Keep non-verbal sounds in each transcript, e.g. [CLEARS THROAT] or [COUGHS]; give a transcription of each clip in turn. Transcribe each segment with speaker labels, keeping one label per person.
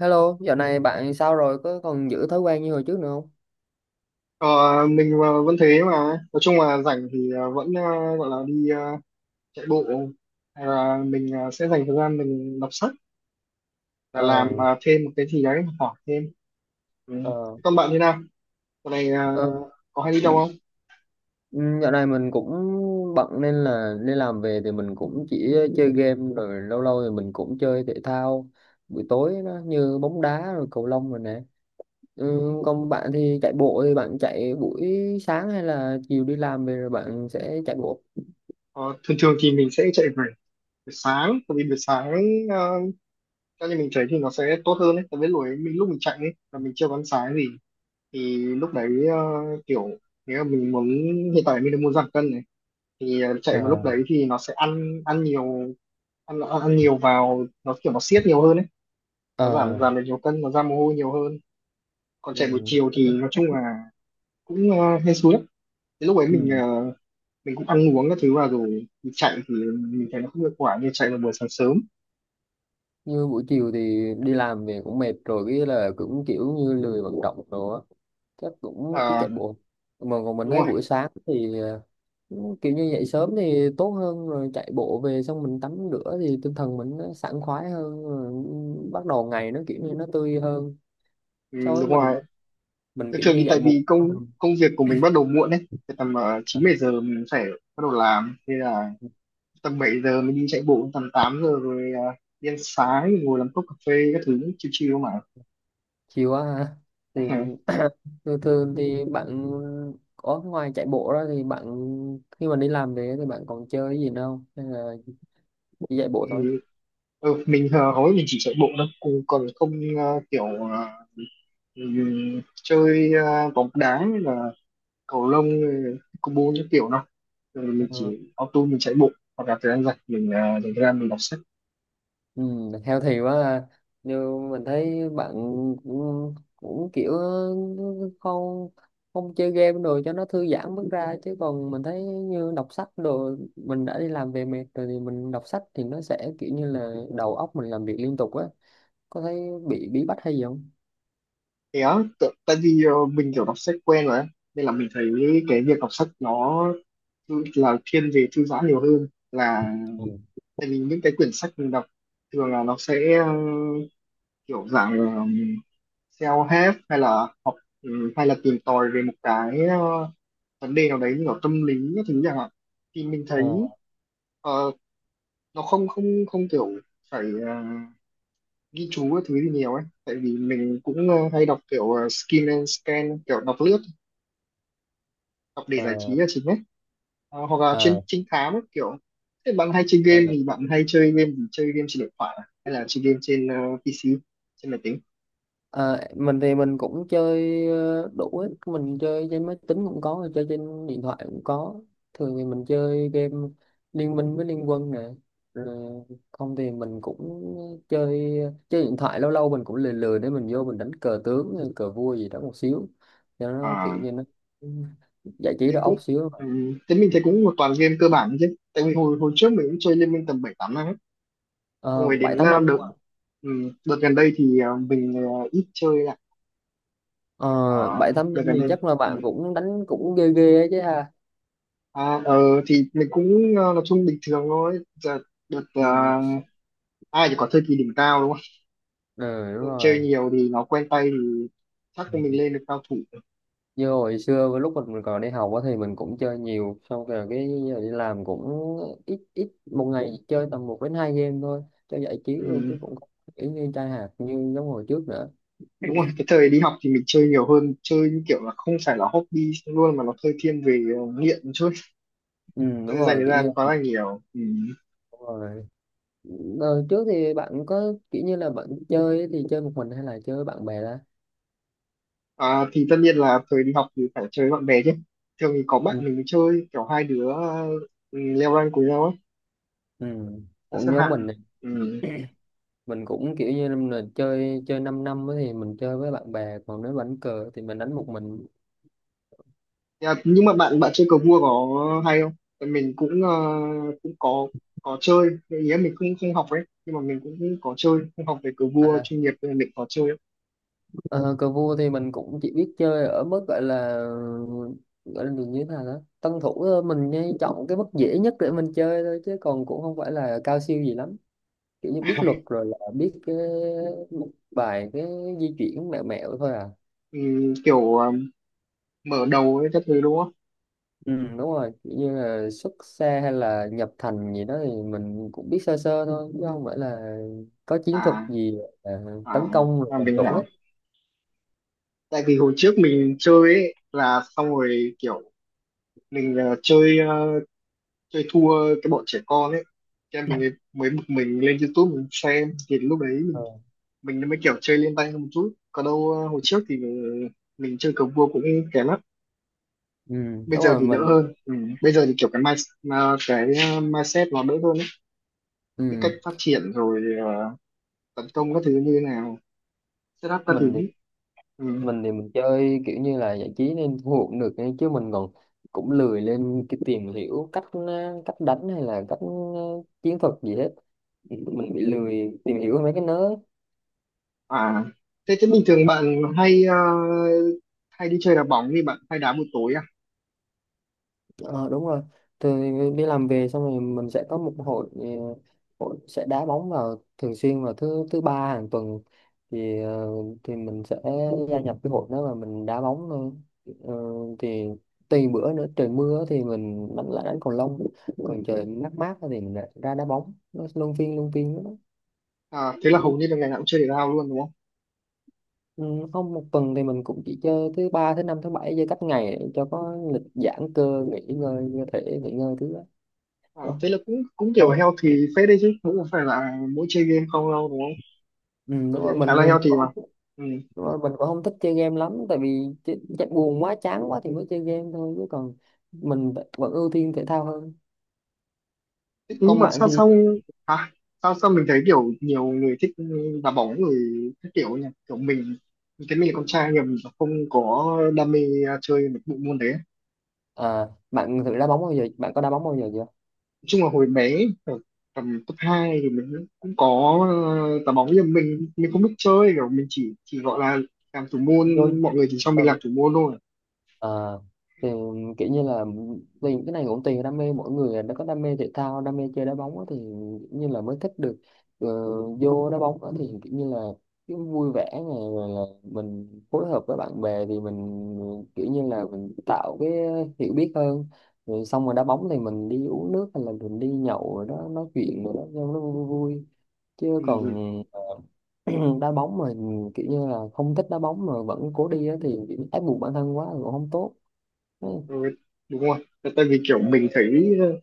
Speaker 1: Hello, dạo này bạn sao rồi? Có còn giữ thói quen như hồi trước nữa không?
Speaker 2: Ờ, mình vẫn thế mà. Nói chung là rảnh thì vẫn gọi là đi chạy bộ. Hay là mình sẽ dành thời gian mình đọc sách và làm
Speaker 1: Ờ,
Speaker 2: thêm một cái gì đấy, học hỏi thêm. Ừ.
Speaker 1: ờ,
Speaker 2: Thế còn bạn thế nào? Dạo này
Speaker 1: ờ.
Speaker 2: có hay đi đâu không?
Speaker 1: Ừ, dạo này mình cũng bận nên là đi làm về thì mình cũng chỉ chơi game rồi lâu lâu thì mình cũng chơi thể thao buổi tối nó như bóng đá rồi cầu lông rồi nè. Ừ, còn bạn thì chạy bộ thì bạn chạy buổi sáng hay là chiều đi làm về rồi bạn sẽ chạy bộ?
Speaker 2: Ờ, thường thường thì mình sẽ chạy buổi buổi sáng. Tại vì buổi sáng ờ, cho nên mình chạy thì nó sẽ tốt hơn ấy. Tại vì lúc ấy mình, lúc mình chạy ấy là mình chưa có ăn sáng gì, thì lúc đấy kiểu, nếu mà mình muốn, hiện tại mình đang muốn giảm cân này, thì chạy
Speaker 1: Ờ,
Speaker 2: vào lúc đấy thì nó sẽ ăn ăn nhiều, ăn ăn nhiều vào nó kiểu nó siết nhiều hơn ấy, nó giảm
Speaker 1: ờ,
Speaker 2: giảm được nhiều cân, nó ra mồ hôi nhiều hơn. Còn chạy buổi
Speaker 1: ừ,
Speaker 2: chiều thì nói chung là cũng hên xui lắm. Đến lúc ấy mình,
Speaker 1: ừ.
Speaker 2: mình cũng ăn uống các thứ vào rồi mình chạy thì mình thấy nó không hiệu quả như chạy vào buổi sáng sớm.
Speaker 1: Như buổi chiều thì đi làm về cũng mệt rồi cái là cũng kiểu như lười vận động rồi á, chắc cũng ít
Speaker 2: Ờ,
Speaker 1: chạy bộ. Mà còn mình
Speaker 2: đúng
Speaker 1: thấy
Speaker 2: rồi.
Speaker 1: buổi sáng thì kiểu như dậy sớm thì tốt hơn, rồi chạy bộ về xong mình tắm rửa thì tinh thần mình nó sảng khoái hơn, rồi bắt đầu ngày nó kiểu như nó tươi hơn
Speaker 2: Ừ,
Speaker 1: so với
Speaker 2: đúng
Speaker 1: mình
Speaker 2: rồi.
Speaker 1: mình
Speaker 2: Thường
Speaker 1: kiểu
Speaker 2: thường
Speaker 1: như
Speaker 2: thì
Speaker 1: dậy
Speaker 2: tại vì
Speaker 1: muộn.
Speaker 2: công công việc của mình bắt đầu muộn ấy. Thì tầm chín bảy giờ mình phải bắt đầu làm, thế là tầm 7 giờ mình đi chạy bộ, tầm 8 giờ rồi đi ăn sáng, ngồi làm cốc cà phê các thứ, chill chill mà.
Speaker 1: Chiều á hả? Thì [COUGHS] [CLEARS THROAT] thường thường thì bạn có, ngoài chạy bộ ra thì bạn khi mà đi làm về thì bạn còn chơi cái gì nữa không, hay là chỉ chạy bộ thôi?
Speaker 2: [LAUGHS] Ừ, mình, hầu hết mình chỉ chạy bộ thôi, cũng còn không ờ, kiểu ờ, chơi bóng đá hay là cầu lông, pickleball những kiểu đâu. Thường mình chỉ auto mình chạy bộ, hoặc là thời gian rảnh mình dành ra mình đọc sách.
Speaker 1: Ừ, healthy quá ha. Nhưng mình thấy bạn cũng kiểu không không chơi game đồ cho nó thư giãn bước ra, chứ còn mình thấy như đọc sách đồ, mình đã đi làm về mệt rồi thì mình đọc sách thì nó sẽ kiểu như là đầu óc mình làm việc liên tục á, có thấy bị bí bách hay gì không?
Speaker 2: Thế á, tại vì mình kiểu đọc sách quen rồi ấy. Nên là mình thấy cái việc đọc sách nó là thiên về thư giãn nhiều hơn là,
Speaker 1: Ừ.
Speaker 2: tại vì những cái quyển sách mình đọc thường là nó sẽ kiểu dạng self-help hay là học. Ừ, hay là tìm tòi về một cái vấn đề nào đấy như kiểu tâm lý các thứ chẳng hạn, thì mình
Speaker 1: Ờ,
Speaker 2: thấy ờ, nó không không không kiểu phải ghi chú các thứ gì nhiều ấy, tại vì mình cũng hay đọc kiểu skin and scan, kiểu đọc lướt, đọc để
Speaker 1: ờ,
Speaker 2: giải trí là chính ấy. Ờ, hoặc là trên
Speaker 1: ờ.
Speaker 2: trinh thám ấy, kiểu thế bạn hay chơi game,
Speaker 1: ờ.
Speaker 2: thì bạn hay chơi game trên điện thoại à? Hay là chơi game trên PC, trên máy tính?
Speaker 1: Ờ, mình thì mình cũng chơi đủ ấy. Mình chơi trên máy tính cũng có, chơi trên điện thoại cũng có. Thường thì mình chơi game Liên Minh với Liên Quân nè. Rồi không thì mình cũng chơi chơi điện thoại, lâu lâu mình cũng lười lười để mình vô mình đánh cờ tướng, hay cờ vua gì đó một xíu. Cho nó kiểu
Speaker 2: À,
Speaker 1: như nó giải trí
Speaker 2: thế
Speaker 1: đầu óc
Speaker 2: cũng,
Speaker 1: xíu.
Speaker 2: ừ, thế mình thấy cũng một toàn game cơ bản chứ, tại vì hồi hồi trước mình cũng chơi Liên Minh tầm 7-8 năm ấy. Xong
Speaker 1: Ờ,
Speaker 2: rồi
Speaker 1: bảy
Speaker 2: đến
Speaker 1: tám năm.
Speaker 2: ừ, đợt gần đây thì mình ít chơi lại.
Speaker 1: Ờ,
Speaker 2: Ờ,
Speaker 1: bảy tám
Speaker 2: đợt
Speaker 1: năm
Speaker 2: gần
Speaker 1: thì
Speaker 2: đây.
Speaker 1: chắc là bạn
Speaker 2: Ừ.
Speaker 1: cũng đánh cũng ghê ghê ấy chứ ha.
Speaker 2: À, thì mình cũng nói chung bình thường thôi. Giờ đợt
Speaker 1: Ừ,
Speaker 2: ai thì có thời kỳ đỉnh cao, đúng
Speaker 1: ừ đúng
Speaker 2: không? Chơi
Speaker 1: rồi.
Speaker 2: nhiều thì nó quen tay thì chắc là mình lên được cao thủ.
Speaker 1: Như hồi xưa với lúc mình còn đi học á thì mình cũng chơi nhiều, xong rồi cái giờ đi làm cũng ít, ít một ngày chơi tầm một đến hai game thôi cho giải trí thôi,
Speaker 2: Ừ,
Speaker 1: chứ cũng không kiểu như trai hạt như giống hồi trước nữa.
Speaker 2: đúng rồi, cái thời đi học thì mình chơi nhiều hơn, chơi như kiểu là không phải là hobby luôn mà nó hơi thiên về nghiện một chút,
Speaker 1: Ừ, đúng
Speaker 2: chơi dành
Speaker 1: rồi,
Speaker 2: thời
Speaker 1: kiểu như
Speaker 2: gian quá là nhiều. Ừ.
Speaker 1: đúng rồi. Đời trước thì bạn có kiểu như là bạn chơi thì chơi một mình hay là chơi với bạn bè đó?
Speaker 2: À, thì tất nhiên là thời đi học thì phải chơi với bạn bè chứ. Thường thì có
Speaker 1: ừ,
Speaker 2: bạn mình chơi kiểu hai đứa, ừ, leo rank cùng nhau ấy,
Speaker 1: ừ.
Speaker 2: là xếp
Speaker 1: Cũng giống
Speaker 2: hạng.
Speaker 1: mình này,
Speaker 2: Ừ.
Speaker 1: mình cũng kiểu như là chơi chơi 5 năm năm á thì mình chơi với bạn bè, còn nếu đánh cờ thì mình đánh một mình.
Speaker 2: Nhưng mà bạn bạn chơi cờ vua có hay không? Tại mình cũng cũng có chơi. Cái ý là mình cũng không học ấy, nhưng mà mình cũng có chơi, không học về cờ vua
Speaker 1: À,
Speaker 2: chuyên nghiệp nên mình có chơi ấy.
Speaker 1: ờ, cờ vua thì mình cũng chỉ biết chơi ở mức gọi là như thế nào đó tân thủ thôi, mình nhây chọn cái mức dễ nhất để mình chơi thôi, chứ còn cũng không phải là cao siêu gì lắm, kiểu như biết luật rồi là biết một vài cái di chuyển mẹo mẹo thôi à.
Speaker 2: Ừ, kiểu mở đầu ấy các thứ, đúng không?
Speaker 1: Ừ, đúng rồi, kiểu như là xuất xa hay là nhập thành gì đó thì mình cũng biết sơ sơ thôi, chứ không phải là có chiến thuật
Speaker 2: À
Speaker 1: gì à,
Speaker 2: à,
Speaker 1: tấn công rồi
Speaker 2: à
Speaker 1: làm
Speaker 2: mình
Speaker 1: chủ
Speaker 2: hiểu.
Speaker 1: hết.
Speaker 2: Tại vì hồi trước mình chơi ấy là, xong rồi kiểu mình chơi thua cái bọn trẻ con ấy. Thế em mình mới
Speaker 1: [LAUGHS]
Speaker 2: mới bực, mình lên YouTube mình xem thì lúc đấy
Speaker 1: Ờ.
Speaker 2: mình mới kiểu chơi lên tay hơn một chút. Còn đâu hồi trước thì mình chơi cờ vua cũng kém lắm,
Speaker 1: Ừ,
Speaker 2: bây
Speaker 1: đúng
Speaker 2: giờ
Speaker 1: rồi
Speaker 2: thì đỡ
Speaker 1: mình.
Speaker 2: hơn. Ừ, bây giờ thì kiểu cái mindset, mindset nó đỡ hơn ấy, biết cách
Speaker 1: ừ.
Speaker 2: phát triển rồi, tấn công các thứ như thế nào, setup các thứ.
Speaker 1: mình
Speaker 2: Ừ.
Speaker 1: mình thì mình chơi kiểu như là giải trí nên thu hút được ấy, chứ mình còn cũng lười lên cái tìm hiểu cách cách đánh hay là cách chiến thuật gì hết, mình bị lười tìm hiểu mấy cái nớ.
Speaker 2: À, thế thế bình thường bạn hay đi chơi đá bóng, thì bạn hay đá buổi tối à?
Speaker 1: Ờ, đúng rồi, từ đi làm về xong rồi mình sẽ có một hội, ờ, hội sẽ đá bóng vào thường xuyên vào thứ thứ ba hàng tuần, thì thì mình sẽ gia nhập cái hội đó và mình đá bóng thôi. Ờ, thì tùy bữa nữa, trời mưa thì mình đánh, lại đánh cầu lông, còn trời mát mát thì mình lại ra đá bóng, nó luân phiên đó.
Speaker 2: À, thế là
Speaker 1: Ừ,
Speaker 2: hầu như là ngày nào cũng chơi thể thao luôn đúng không?
Speaker 1: ừ, không, một tuần thì mình cũng chỉ chơi thứ ba thứ năm thứ bảy, chơi cách ngày để cho có lịch giãn cơ nghỉ ngơi, cơ thể nghỉ ngơi thứ đó.
Speaker 2: À,
Speaker 1: Ủa?
Speaker 2: thế là cũng cũng kiểu
Speaker 1: Không,
Speaker 2: healthy phết đấy chứ, cũng không phải là mỗi chơi game không đâu đúng không?
Speaker 1: ừ, đúng
Speaker 2: Tôi thấy
Speaker 1: rồi
Speaker 2: cũng khá
Speaker 1: mình
Speaker 2: là
Speaker 1: thì mình cũng
Speaker 2: healthy mà.
Speaker 1: không thích-,
Speaker 2: Ừ.
Speaker 1: đúng rồi, mình cũng không thích chơi game lắm, tại vì buồn quá chán quá thì mới chơi game thôi, chứ còn mình vẫn ưu tiên thể thao hơn.
Speaker 2: Thế nhưng
Speaker 1: Còn
Speaker 2: mà
Speaker 1: bạn
Speaker 2: sao
Speaker 1: thì
Speaker 2: sao à, sao sao mình thấy kiểu nhiều người thích đá bóng, người các kiểu nhỉ. Kiểu mình thấy mình là con trai nhưng mà mình không có đam mê chơi một bộ môn đấy. Nói
Speaker 1: à, bạn thử đá bóng bao giờ, bạn có đá bóng bao giờ chưa?
Speaker 2: chung là hồi bé ở tầm cấp 2 thì mình cũng có đá bóng, nhưng mà mình không biết chơi, kiểu mình chỉ gọi là làm thủ môn, mọi người chỉ cho mình làm
Speaker 1: Rồi.
Speaker 2: thủ môn thôi.
Speaker 1: À, thì kiểu như là vì cái này cũng tùy đam mê mỗi người, đã có đam mê thể thao, đam mê chơi đá bóng á thì kiểu như là mới thích được ờ, vô đá bóng á, thì kiểu như là cái vui vẻ này, rồi là mình phối hợp với bạn bè thì mình kiểu như là mình tạo cái hiểu biết hơn, rồi xong rồi đá bóng thì mình đi uống nước hay là mình đi nhậu rồi đó, nói chuyện rồi đó cho nó vui vui, chứ còn
Speaker 2: Ừ.
Speaker 1: [CLEARS THROAT] đá bóng mà kiểu như là không thích đá bóng mà vẫn cố đi á, thì kiểu ép buộc bản thân quá là cũng không tốt. ừ.
Speaker 2: Ừ, đúng rồi. Tại tại vì kiểu mình thấy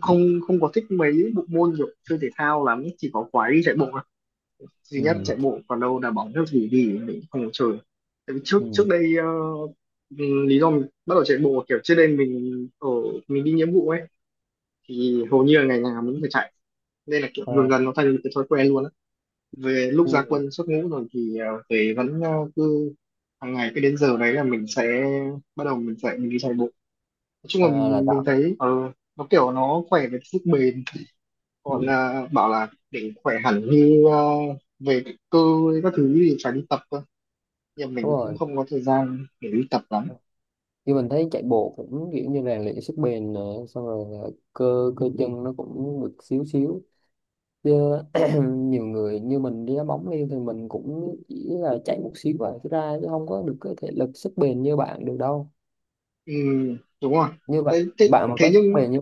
Speaker 2: không không có thích mấy bộ môn kiểu chơi thể thao lắm, chỉ có quái đi chạy bộ thôi. Duy nhất
Speaker 1: Ừ.
Speaker 2: chạy bộ, còn đâu là bóng theo gì thì mình không có chơi. Tại vì trước trước
Speaker 1: Ừ.
Speaker 2: đây lý do mình bắt đầu chạy bộ kiểu trước đây mình đi nghĩa vụ ấy, thì hầu như là ngày nào mình cũng phải chạy. Nên là kiểu dần
Speaker 1: À,
Speaker 2: dần nó thành một cái thói quen luôn á. Về lúc ra
Speaker 1: ừ.
Speaker 2: quân xuất ngũ rồi thì về vẫn cứ hàng ngày, cứ đến giờ đấy là mình sẽ bắt đầu mình chạy, mình đi chạy bộ. Nói chung là
Speaker 1: À, là
Speaker 2: mình
Speaker 1: tạo.
Speaker 2: thấy nó kiểu nó khỏe về sức bền,
Speaker 1: ừ.
Speaker 2: gọi là bảo là để khỏe hẳn như về cơ các thứ thì phải đi tập cơ, nhưng
Speaker 1: Đúng
Speaker 2: mình cũng
Speaker 1: rồi,
Speaker 2: không có thời gian để đi tập lắm.
Speaker 1: như mình thấy chạy bộ cũng kiểu như rèn luyện sức bền nè, xong rồi là cơ cơ chân nó cũng được xíu xíu, chứ [CLEARS THROAT] nhiều người như mình đi đá bóng đi thì mình cũng chỉ là chạy một xíu và cái ra, chứ không có được cái thể lực sức bền như bạn được đâu.
Speaker 2: Ừ, đúng rồi.
Speaker 1: Như bạn,
Speaker 2: thế, thế,
Speaker 1: bạn mà
Speaker 2: thế
Speaker 1: có sức
Speaker 2: nhưng
Speaker 1: bền như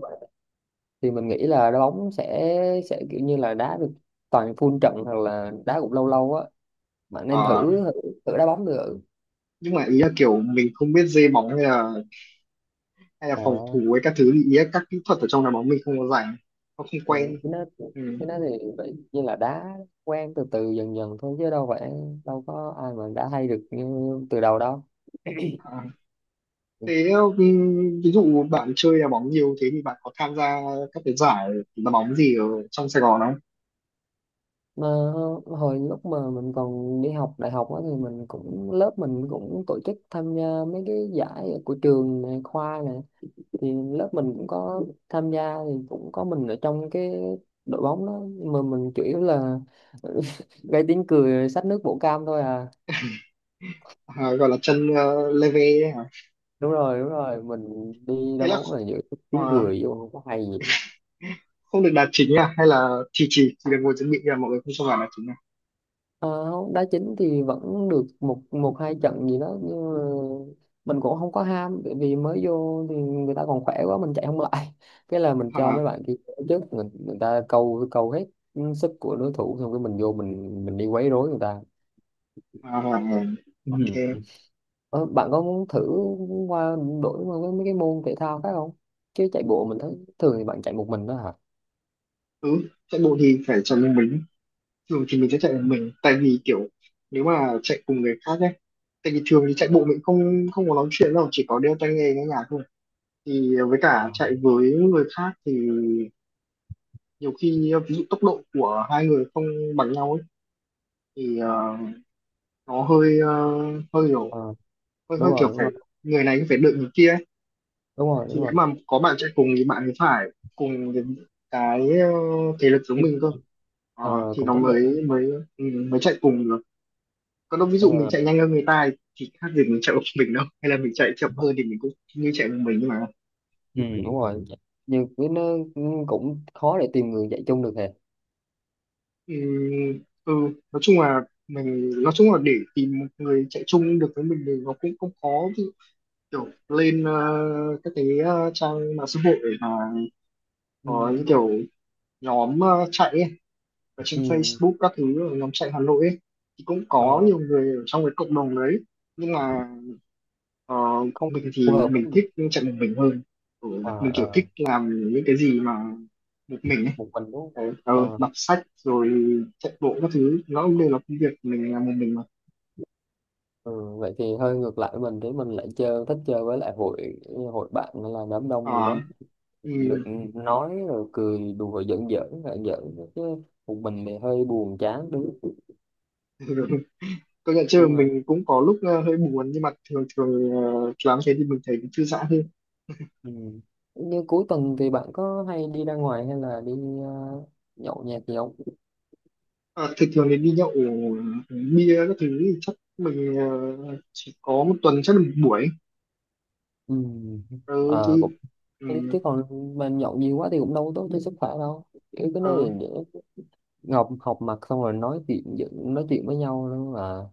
Speaker 1: thì mình nghĩ là đá bóng sẽ kiểu như là đá được toàn full trận hoặc là đá cũng lâu lâu á, bạn nên thử
Speaker 2: ờ,
Speaker 1: thử đá bóng được.
Speaker 2: nhưng mà ý là kiểu mình không biết dê bóng hay là
Speaker 1: ờ
Speaker 2: phòng thủ với các thứ, thì ý là các kỹ thuật ở trong đá bóng mình không có rành, nó không
Speaker 1: ờ,
Speaker 2: quen.
Speaker 1: cái đó
Speaker 2: Ừ.
Speaker 1: cái đó thì vậy như là đá quen từ từ dần dần thôi chứ đâu phải, đâu có ai mà đã hay được như từ đầu đâu.
Speaker 2: À, thế ừ, ví dụ bạn chơi đá bóng nhiều thế thì bạn có tham gia các cái giải đá bóng gì ở trong Sài Gòn không?
Speaker 1: Mà hồi lúc mà mình còn đi học đại học á thì mình cũng, lớp mình cũng tổ chức tham gia mấy cái giải của trường này, khoa này, thì lớp mình cũng có tham gia, thì cũng có mình ở trong cái đội bóng đó, nhưng mà mình chủ yếu là [LAUGHS] gây tiếng cười xách nước bổ cam thôi à.
Speaker 2: À, gọi là chân leve đấy hả.
Speaker 1: Đúng rồi đúng rồi, mình đi
Speaker 2: Thế
Speaker 1: đá
Speaker 2: là
Speaker 1: bóng là giữ
Speaker 2: à,
Speaker 1: tiếng cười vô, không có hay gì.
Speaker 2: không được đá chính à, hay là chỉ được ngồi chuẩn bị là mọi người không cho vào đá chính à?
Speaker 1: Ờ, không, đá chính thì vẫn được một, một hai trận gì đó nhưng mà mình cũng không có ham, bởi vì mới vô thì người ta còn khỏe quá, mình chạy không lại, [LAUGHS] cái là mình cho
Speaker 2: À,
Speaker 1: mấy bạn kia ở trước, người ta câu câu hết sức của đối thủ, xong cái mình vô mình đi quấy rối người ta.
Speaker 2: à, à à, OK.
Speaker 1: Ờ, bạn có muốn thử qua, đổi qua với mấy cái môn thể thao khác không? Chứ chạy bộ mình thấy thường thì bạn chạy một mình đó hả?
Speaker 2: Ừ, chạy bộ thì phải chạy một mình. Thường thì mình sẽ chạy một mình, tại vì kiểu nếu mà chạy cùng người khác ấy, tại vì thường thì chạy bộ mình không không có nói chuyện đâu, chỉ có đeo tai nghe nghe nhạc thôi, thì với
Speaker 1: Ờ,
Speaker 2: cả chạy với người khác thì nhiều khi ví dụ tốc độ của hai người không bằng nhau ấy, thì nó hơi ờ, hơi
Speaker 1: Ờ,
Speaker 2: hơi
Speaker 1: đúng
Speaker 2: hơi
Speaker 1: rồi,
Speaker 2: kiểu
Speaker 1: đúng
Speaker 2: phải
Speaker 1: rồi,
Speaker 2: người này cũng phải đợi người kia ấy.
Speaker 1: đúng rồi, đúng
Speaker 2: Thì nếu
Speaker 1: rồi.
Speaker 2: mà có bạn chạy cùng thì bạn ấy phải cùng những cái thể lực giống
Speaker 1: Thì,
Speaker 2: mình cơ. Ờ,
Speaker 1: Ờ,
Speaker 2: thì
Speaker 1: cũng
Speaker 2: nó
Speaker 1: tốc độ.
Speaker 2: mới mới ừ, mới chạy cùng được, còn đâu ví dụ mình
Speaker 1: Ờ,
Speaker 2: chạy nhanh hơn người ta ấy, thì khác gì mình chạy một mình đâu, hay là mình chạy chậm hơn thì mình cũng như chạy một mình. Nhưng mà
Speaker 1: ừ. Đúng rồi. Nhưng với nó cũng khó để tìm người chạy chung được hề.
Speaker 2: ừ, ừ, nói chung là để tìm một người chạy chung được với mình thì nó cũng không khó. Ví dụ kiểu lên các cái trang mạng xã hội mà
Speaker 1: Ừ,
Speaker 2: có những kiểu nhóm chạy ấy, ở trên
Speaker 1: ừ,
Speaker 2: Facebook các thứ, ở nhóm chạy Hà Nội ấy, thì cũng có
Speaker 1: ờ,
Speaker 2: nhiều người ở trong cái cộng đồng đấy, nhưng mà ờ,
Speaker 1: Không
Speaker 2: mình
Speaker 1: phù
Speaker 2: thì
Speaker 1: hợp
Speaker 2: mình
Speaker 1: với.
Speaker 2: thích chạy một mình hơn. Ừ,
Speaker 1: À,
Speaker 2: mình kiểu
Speaker 1: ờ,
Speaker 2: thích làm những cái gì mà một mình ấy.
Speaker 1: Một mình đúng không?
Speaker 2: Đấy,
Speaker 1: Ờ,
Speaker 2: đọc sách rồi chạy bộ các thứ nó cũng đều là công việc mình làm một mình mà.
Speaker 1: ừ, vậy thì hơi ngược lại với mình, thì mình lại chơi, thích chơi với lại hội, hội bạn hay là đám đông gì
Speaker 2: Ờ,
Speaker 1: đó, được
Speaker 2: ừ.
Speaker 1: nói rồi cười đùa, giỡn giỡn là giỡn chứ một mình thì hơi buồn chán đúng không?
Speaker 2: [LAUGHS] Công nhận, chưa
Speaker 1: Nhưng mà
Speaker 2: mình cũng có lúc hơi buồn, nhưng mà thường thường làm thế thì mình thấy cũng thư giãn hơn.
Speaker 1: ừ. Như cuối tuần thì bạn có hay đi ra ngoài hay là đi ờ, nhậu nhẹt gì không?
Speaker 2: À, thì thường thì đi nhậu bia các thứ thì chắc mình chỉ có một tuần chắc được một buổi,
Speaker 1: Ừ.
Speaker 2: ờ,
Speaker 1: Ờ,
Speaker 2: thì
Speaker 1: cũng
Speaker 2: ừ,
Speaker 1: chứ còn mà nhậu nhiều quá thì cũng đâu tốt cho sức khỏe đâu, cái
Speaker 2: ờ,
Speaker 1: nơi để ngọc học mặt xong rồi nói chuyện giỡn-, nói chuyện với nhau luôn mà,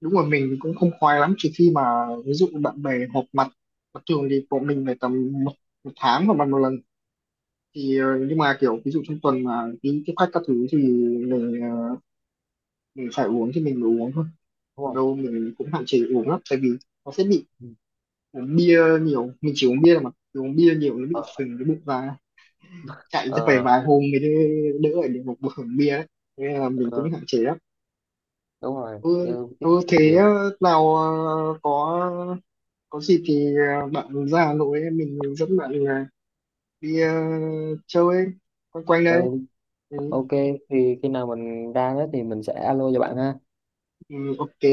Speaker 2: đúng rồi, mình cũng không khoái lắm trừ khi mà ví dụ bạn bè họp mặt, mà thường thì bọn mình phải tầm một tháng hoặc một lần, thì nhưng mà kiểu ví dụ trong tuần mà đi tiếp khách các thứ thì mình, mình phải uống thì mình mới uống thôi.
Speaker 1: đúng
Speaker 2: Còn
Speaker 1: không?
Speaker 2: đâu mình cũng hạn chế uống lắm, tại vì nó sẽ bị
Speaker 1: Ừ.
Speaker 2: uống bia nhiều, mình chỉ uống bia mà uống bia nhiều nó bị
Speaker 1: Ờ,
Speaker 2: phình cái bụng ra, chạy chắc phải
Speaker 1: ờ,
Speaker 2: vài hôm mới đỡ đỡ ở được một bụng bia đấy, nên là mình
Speaker 1: ờ,
Speaker 2: cũng hạn chế lắm.
Speaker 1: Đúng rồi
Speaker 2: Ừ,
Speaker 1: như, tiếng
Speaker 2: ừ, thế nào có có gì thì bạn ra Hà Nội ấy, mình dẫn bạn đi chơi ấy, quanh quanh
Speaker 1: thì,
Speaker 2: đây. Ừ,
Speaker 1: ok, thì khi nào mình ra đó thì mình sẽ alo cho bạn ha.
Speaker 2: ừ, OK.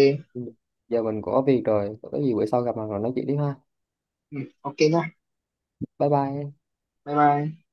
Speaker 1: Giờ mình có việc rồi, có gì bữa sau gặp mặt rồi nói chuyện tiếp ha.
Speaker 2: Ừ, OK nha.
Speaker 1: Bye bye.
Speaker 2: Bye bye.